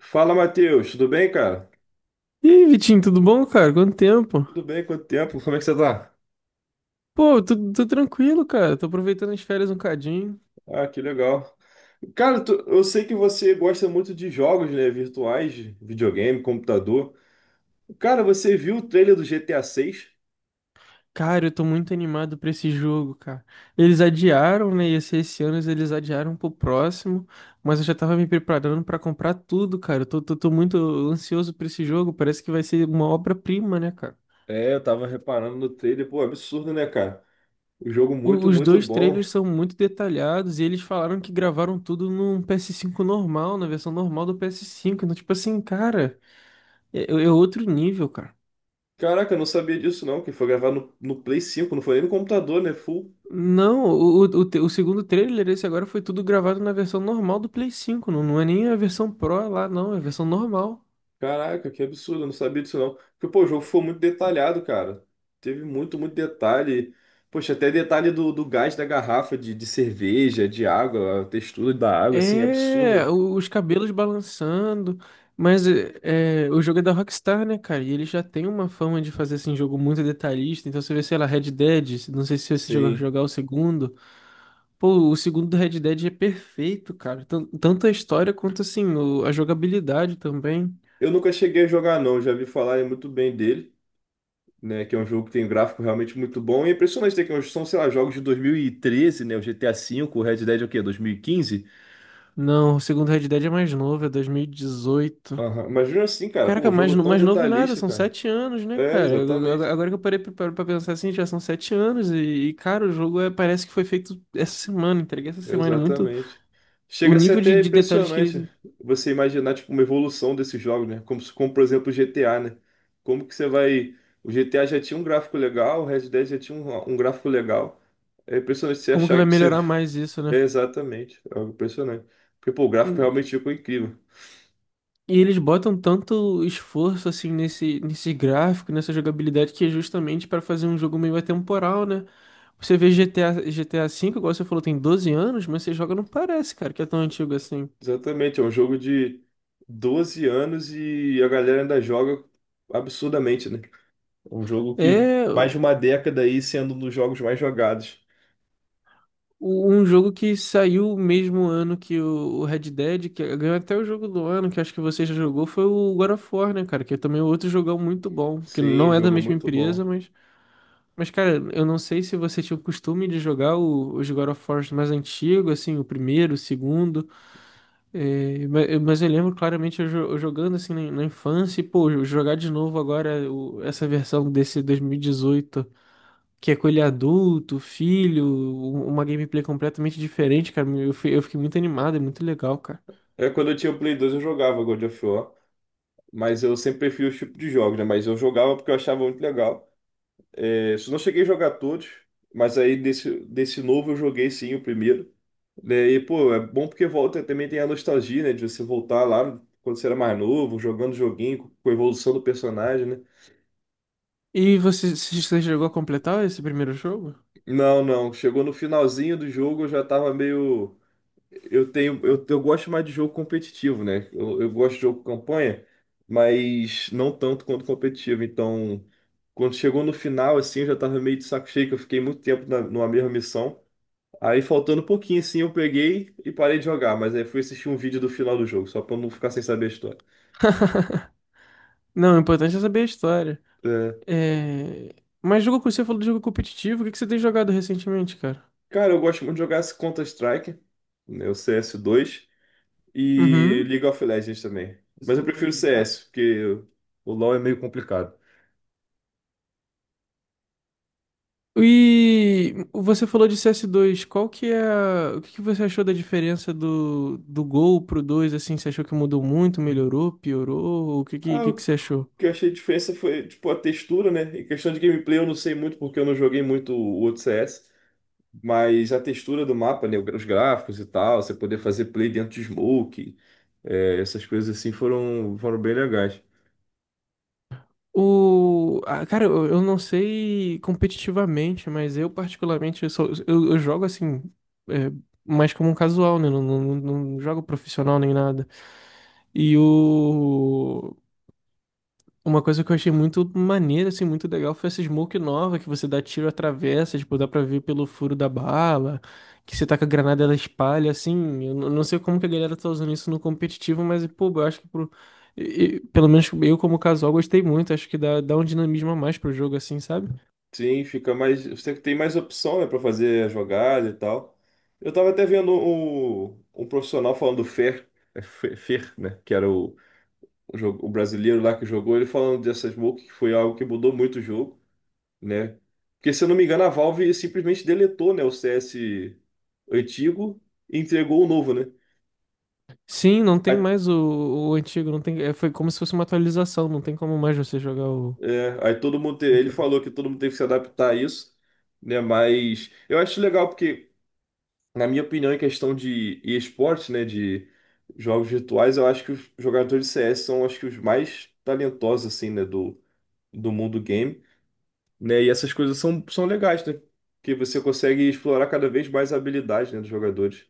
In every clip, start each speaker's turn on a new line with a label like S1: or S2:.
S1: Fala, Matheus, tudo bem, cara?
S2: Ih, Vitinho, tudo bom, cara? Quanto tempo?
S1: Tudo bem, quanto tempo? Como é que você tá?
S2: Pô, tô tranquilo, cara. Tô aproveitando as férias um cadinho.
S1: Ah, que legal. Cara, eu sei que você gosta muito de jogos, né, virtuais, videogame, computador. Cara, você viu o trailer do GTA 6?
S2: Cara, eu tô muito animado pra esse jogo, cara. Eles adiaram, né? Ia ser esse ano, eles adiaram pro próximo. Mas eu já tava me preparando pra comprar tudo, cara. Eu tô muito ansioso pra esse jogo. Parece que vai ser uma obra-prima, né, cara?
S1: É, eu tava reparando no trailer, pô, absurdo, né, cara? O jogo muito,
S2: Os
S1: muito
S2: dois
S1: bom.
S2: trailers são muito detalhados e eles falaram que gravaram tudo num PS5 normal, na versão normal do PS5. Então, tipo assim, cara, é outro nível, cara.
S1: Caraca, eu não sabia disso não, que foi gravado no Play 5, não foi nem no computador, né? Full.
S2: Não, o segundo trailer, esse agora foi tudo gravado na versão normal do Play 5. Não, não é nem a versão Pro lá, não, é a versão normal.
S1: Caraca, que absurdo, eu não sabia disso não. Porque, pô, o jogo foi muito detalhado, cara. Teve muito, muito detalhe. Poxa, até detalhe do gás da garrafa de cerveja, de água, a textura da água, assim, é
S2: É,
S1: absurdo.
S2: os cabelos balançando. Mas o jogo é da Rockstar, né, cara? E ele já tem uma fama de fazer assim, jogo muito detalhista. Então você vê, sei lá, Red Dead. Não sei se você jogou
S1: Sim.
S2: jogar o segundo. Pô, o segundo do Red Dead é perfeito, cara. Tanto a história quanto assim, a jogabilidade também.
S1: Eu nunca cheguei a jogar, não. Já vi falar muito bem dele, né? Que é um jogo que tem um gráfico realmente muito bom. E é impressionante ter que é um, são, sei lá, jogos de 2013, né? O GTA V, o Red Dead é o quê? 2015?
S2: Não, o segundo Red Dead é mais novo, é 2018.
S1: Aham. Imagina assim, cara, pô,
S2: Caraca,
S1: um jogo tão
S2: mais novo nada,
S1: detalhista,
S2: são
S1: cara.
S2: 7 anos, né,
S1: É,
S2: cara?
S1: exatamente.
S2: Agora que eu parei pra pensar assim, já são 7 anos e, cara, parece que foi feito essa semana, entregue essa semana. É muito
S1: Exatamente.
S2: o
S1: Chega a ser
S2: nível de,
S1: até
S2: de detalhes que eles.
S1: impressionante você imaginar tipo uma evolução desses jogos, né? Como, como por exemplo o GTA, né? Como que você vai. O GTA já tinha um gráfico legal, o Red Dead já tinha um gráfico legal. É impressionante você
S2: Como que
S1: achar
S2: vai
S1: que você.
S2: melhorar mais isso, né?
S1: É, exatamente, é algo impressionante. Porque, pô, o gráfico
S2: Hum,
S1: realmente ficou incrível.
S2: E eles botam tanto esforço, assim, nesse gráfico, nessa jogabilidade, que é justamente para fazer um jogo meio atemporal, né? Você vê GTA, GTA V, igual você falou, tem 12 anos, mas você joga não parece, cara, que é tão antigo assim.
S1: Exatamente, é um jogo de 12 anos e a galera ainda joga absurdamente, né? É um jogo que
S2: É.
S1: mais de uma década aí sendo um dos jogos mais jogados.
S2: Um jogo que saiu o mesmo ano que o Red Dead, que ganhou até o jogo do ano, que acho que você já jogou, foi o God of War, né, cara? Que é também outro jogão muito bom, que
S1: Sim,
S2: não é da
S1: jogo
S2: mesma
S1: muito
S2: empresa,
S1: bom.
S2: mas. Mas, cara, eu não sei se você tinha o costume de jogar os God of War mais antigos, assim, o primeiro, o segundo. Mas eu lembro claramente eu jogando assim na infância e, pô, jogar de novo agora essa versão desse 2018 que é com ele adulto, filho, uma gameplay completamente diferente, cara. Eu fiquei muito animado, é muito legal, cara.
S1: É, quando eu tinha o Play 2, eu jogava God of War, mas eu sempre prefiro os tipos de jogos, né? Mas eu jogava porque eu achava muito legal. É, só não cheguei a jogar todos, mas aí desse novo eu joguei sim o primeiro. Né? E, pô, é bom porque volta também tem a nostalgia, né? De você voltar lá quando você era mais novo, jogando joguinho, com a evolução do personagem, né?
S2: E você chegou a completar esse primeiro jogo?
S1: Não, não. Chegou no finalzinho do jogo, eu já tava meio. Eu gosto mais de jogo competitivo, né? Eu gosto de jogo campanha, mas não tanto quanto competitivo. Então, quando chegou no final, assim, eu já tava meio de saco cheio, que eu fiquei muito tempo na, numa mesma missão. Aí, faltando um pouquinho, assim, eu peguei e parei de jogar, mas aí fui assistir um vídeo do final do jogo, só pra eu não ficar sem saber a história.
S2: Não, o importante é saber a história.
S1: É,
S2: É... Mas jogo que você falou de jogo competitivo, o que que você tem jogado recentemente, cara?
S1: cara, eu gosto muito de jogar esse Counter-Strike, né? O CS2 e
S2: Uhum.
S1: League of Legends também. Mas eu prefiro o CS, porque o LoL é meio complicado.
S2: E você falou de CS2. Qual que é a... O que que você achou da diferença do Gol pro 2 assim? Você achou que mudou muito, melhorou, piorou? O
S1: Ah,
S2: que
S1: o
S2: que você achou?
S1: que eu achei de diferença foi, tipo, a textura, né? Em questão de gameplay, eu não sei muito porque eu não joguei muito o outro CS, mas a textura do mapa, né? Os gráficos e tal, você poder fazer play dentro de smoke, é, essas coisas assim foram, foram bem legais.
S2: Ah, cara, eu não sei competitivamente, mas eu particularmente, eu jogo assim, é, mais como um casual, né? Não, não, não não jogo profissional nem nada. E o... Uma coisa que eu achei muito maneira, assim, muito legal foi essa smoke nova que você dá tiro atravessa, tipo, dá pra ver pelo furo da bala, que você taca a granada ela espalha, assim. Não sei como que a galera tá usando isso no competitivo, mas, pô, eu acho que pelo menos eu como casual gostei muito, acho que dá um dinamismo a mais pro jogo, assim, sabe?
S1: Sim, fica mais. Você tem mais opção, né, pra fazer a jogada e tal. Eu tava até vendo um profissional falando do Fer, Fer, né? Que era jogo, o brasileiro lá que jogou, ele falando dessa smoke, que foi algo que mudou muito o jogo, né? Porque, se eu não me engano, a Valve simplesmente deletou, né, o CS antigo e entregou o novo, né?
S2: Sim, não tem
S1: Aí,
S2: mais o antigo, não tem... é, foi como se fosse uma atualização, não tem como mais você jogar o...
S1: é, aí todo mundo, ele falou que todo mundo teve que se adaptar a isso, né? Mas eu acho legal porque, na minha opinião, em questão de esportes, né, de jogos virtuais, eu acho que os jogadores de CS são, acho que, os mais talentosos, assim, né, do, do mundo game, né? E essas coisas são, são legais, né? Porque você consegue explorar cada vez mais a habilidade, né, dos jogadores.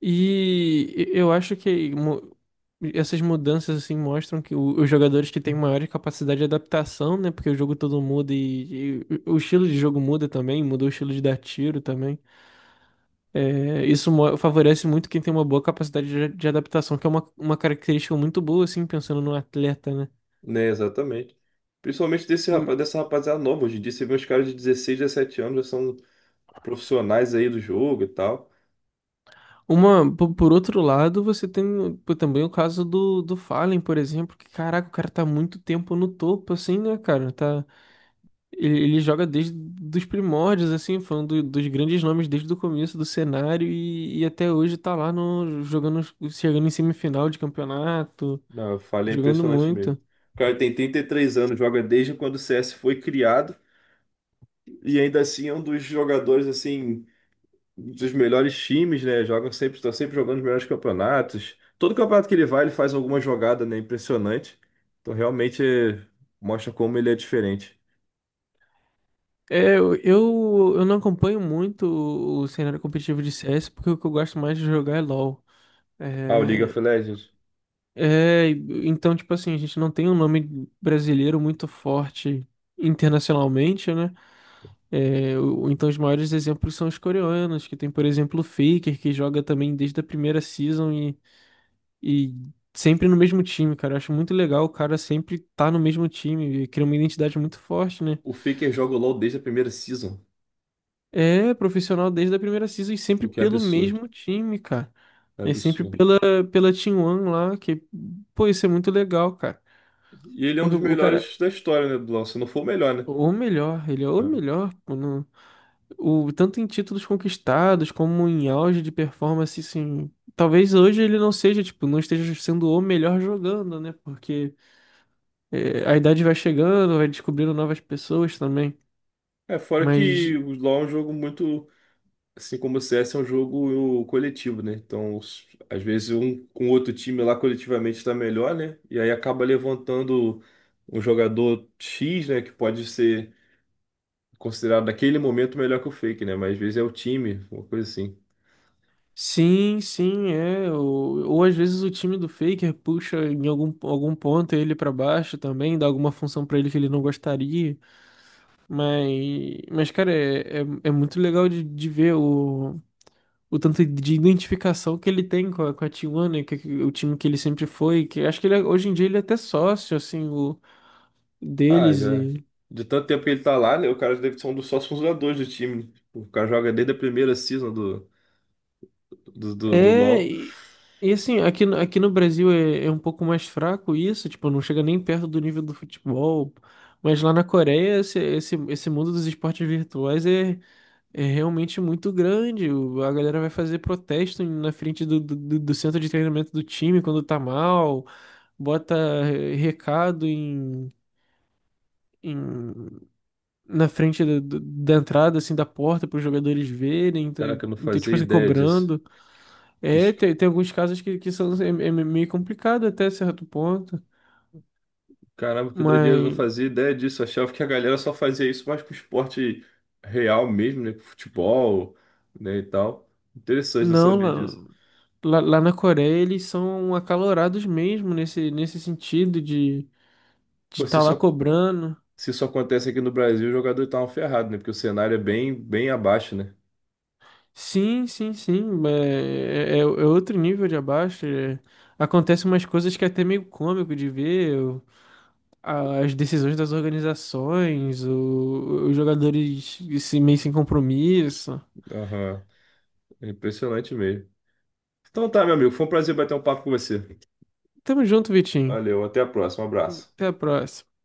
S2: E eu acho que essas mudanças assim mostram que os jogadores que têm maior capacidade de adaptação, né? Porque o jogo todo muda e o estilo de jogo muda também, mudou o estilo de dar tiro também. É, favorece muito quem tem uma boa capacidade de adaptação, que é uma característica muito boa, assim, pensando no atleta, né?
S1: Né, exatamente. Principalmente desse
S2: Hum,
S1: rapaz, dessa rapaziada nova. Hoje em dia você vê uns caras de 16, 17 anos, já são profissionais aí do jogo e tal.
S2: Por outro lado, você tem também o caso do Fallen, por exemplo, que caraca, o cara tá muito tempo no topo, assim, né, cara? Tá. Ele joga desde dos primórdios, assim, foi um dos grandes nomes desde o começo do cenário e até hoje tá lá no, jogando, chegando em semifinal de campeonato,
S1: Não, eu falei, é
S2: jogando
S1: impressionante mesmo.
S2: muito.
S1: O cara tem 33 anos, joga desde quando o CS foi criado e ainda assim é um dos jogadores assim dos melhores times, né? Joga sempre, está sempre jogando os melhores campeonatos. Todo campeonato que ele vai, ele faz alguma jogada, né? Impressionante. Então realmente é, mostra como ele é diferente.
S2: É, eu não acompanho muito o cenário competitivo de CS, porque o que eu gosto mais de jogar é LoL.
S1: Ah, o League
S2: É,
S1: of Legends.
S2: é, então, tipo assim, a gente não tem um nome brasileiro muito forte internacionalmente, né? Então, os maiores exemplos são os coreanos, que tem, por exemplo, o Faker, que joga também desde a primeira season e sempre no mesmo time, cara. Eu acho muito legal o cara sempre tá no mesmo time, e cria uma identidade muito forte, né?
S1: O Faker joga o LoL desde a primeira season.
S2: É profissional desde a primeira season e sempre
S1: O que é
S2: pelo
S1: absurdo.
S2: mesmo time, cara.
S1: É
S2: É sempre
S1: absurdo.
S2: pela Team One lá, que, pô, isso é muito legal, cara.
S1: E ele é um
S2: Porque
S1: dos
S2: o cara,
S1: melhores da história, né, do LoL, se não for o melhor, né?
S2: O melhor, ele é o melhor, pô, tanto em títulos conquistados como em auge de performance, assim, talvez hoje ele não seja, tipo, não esteja sendo o melhor jogando, né? Porque a idade vai chegando, vai descobrindo novas pessoas também.
S1: Fora que
S2: Mas
S1: o LoL é um jogo muito, assim como o CS é um jogo coletivo, né? Então, às vezes um com outro time lá coletivamente está melhor, né? E aí acaba levantando um jogador X, né, que pode ser considerado naquele momento melhor que o Fake, né? Mas às vezes é o time, uma coisa assim.
S2: sim, sim, é. Ou às vezes o time do Faker puxa em algum ponto ele pra baixo também, dá alguma função pra ele que ele não gostaria. Mas cara, é muito legal de ver o tanto de identificação que ele tem com a Tijuana, o time que ele sempre foi, que acho que hoje em dia ele é até sócio, assim,
S1: Ah,
S2: deles
S1: já
S2: e...
S1: de tanto tempo que ele tá lá, né? O cara deve ser um dos sócios fundadores do time. Né? O cara joga desde a primeira season do
S2: É,
S1: LoL.
S2: e assim, aqui no Brasil é um pouco mais fraco isso, tipo, não chega nem perto do nível do futebol, mas lá na Coreia esse mundo dos esportes virtuais é realmente muito grande, a galera vai fazer protesto na frente do centro de treinamento do time quando tá mal, bota recado em- na frente da entrada, assim, da porta, para os jogadores verem, então,
S1: Caraca, eu não
S2: tipo
S1: fazia
S2: assim,
S1: ideia disso.
S2: cobrando.
S1: Que,
S2: É, tem alguns casos que são é meio complicado até certo ponto,
S1: caramba, que doideira, eu não
S2: mas
S1: fazia ideia disso. Eu achava que a galera só fazia isso mais com esporte real mesmo, né? Com futebol, né, e tal. Interessante, não
S2: não,
S1: sabia disso.
S2: lá na Coreia eles são acalorados mesmo nesse sentido de
S1: Pô,
S2: estar lá cobrando.
S1: se isso acontece aqui no Brasil, o jogador tá um ferrado, né? Porque o cenário é bem, bem abaixo, né?
S2: Sim, sim, sim, é outro nível de abaixo. É. Acontecem umas coisas que é até meio cômico de ver. As decisões das organizações, os jogadores se meio sem compromisso.
S1: Aham. É impressionante mesmo. Então tá, meu amigo, foi um prazer bater um papo com você.
S2: Tamo junto, Vitinho.
S1: Valeu, até a próxima, um abraço.
S2: Até a próxima.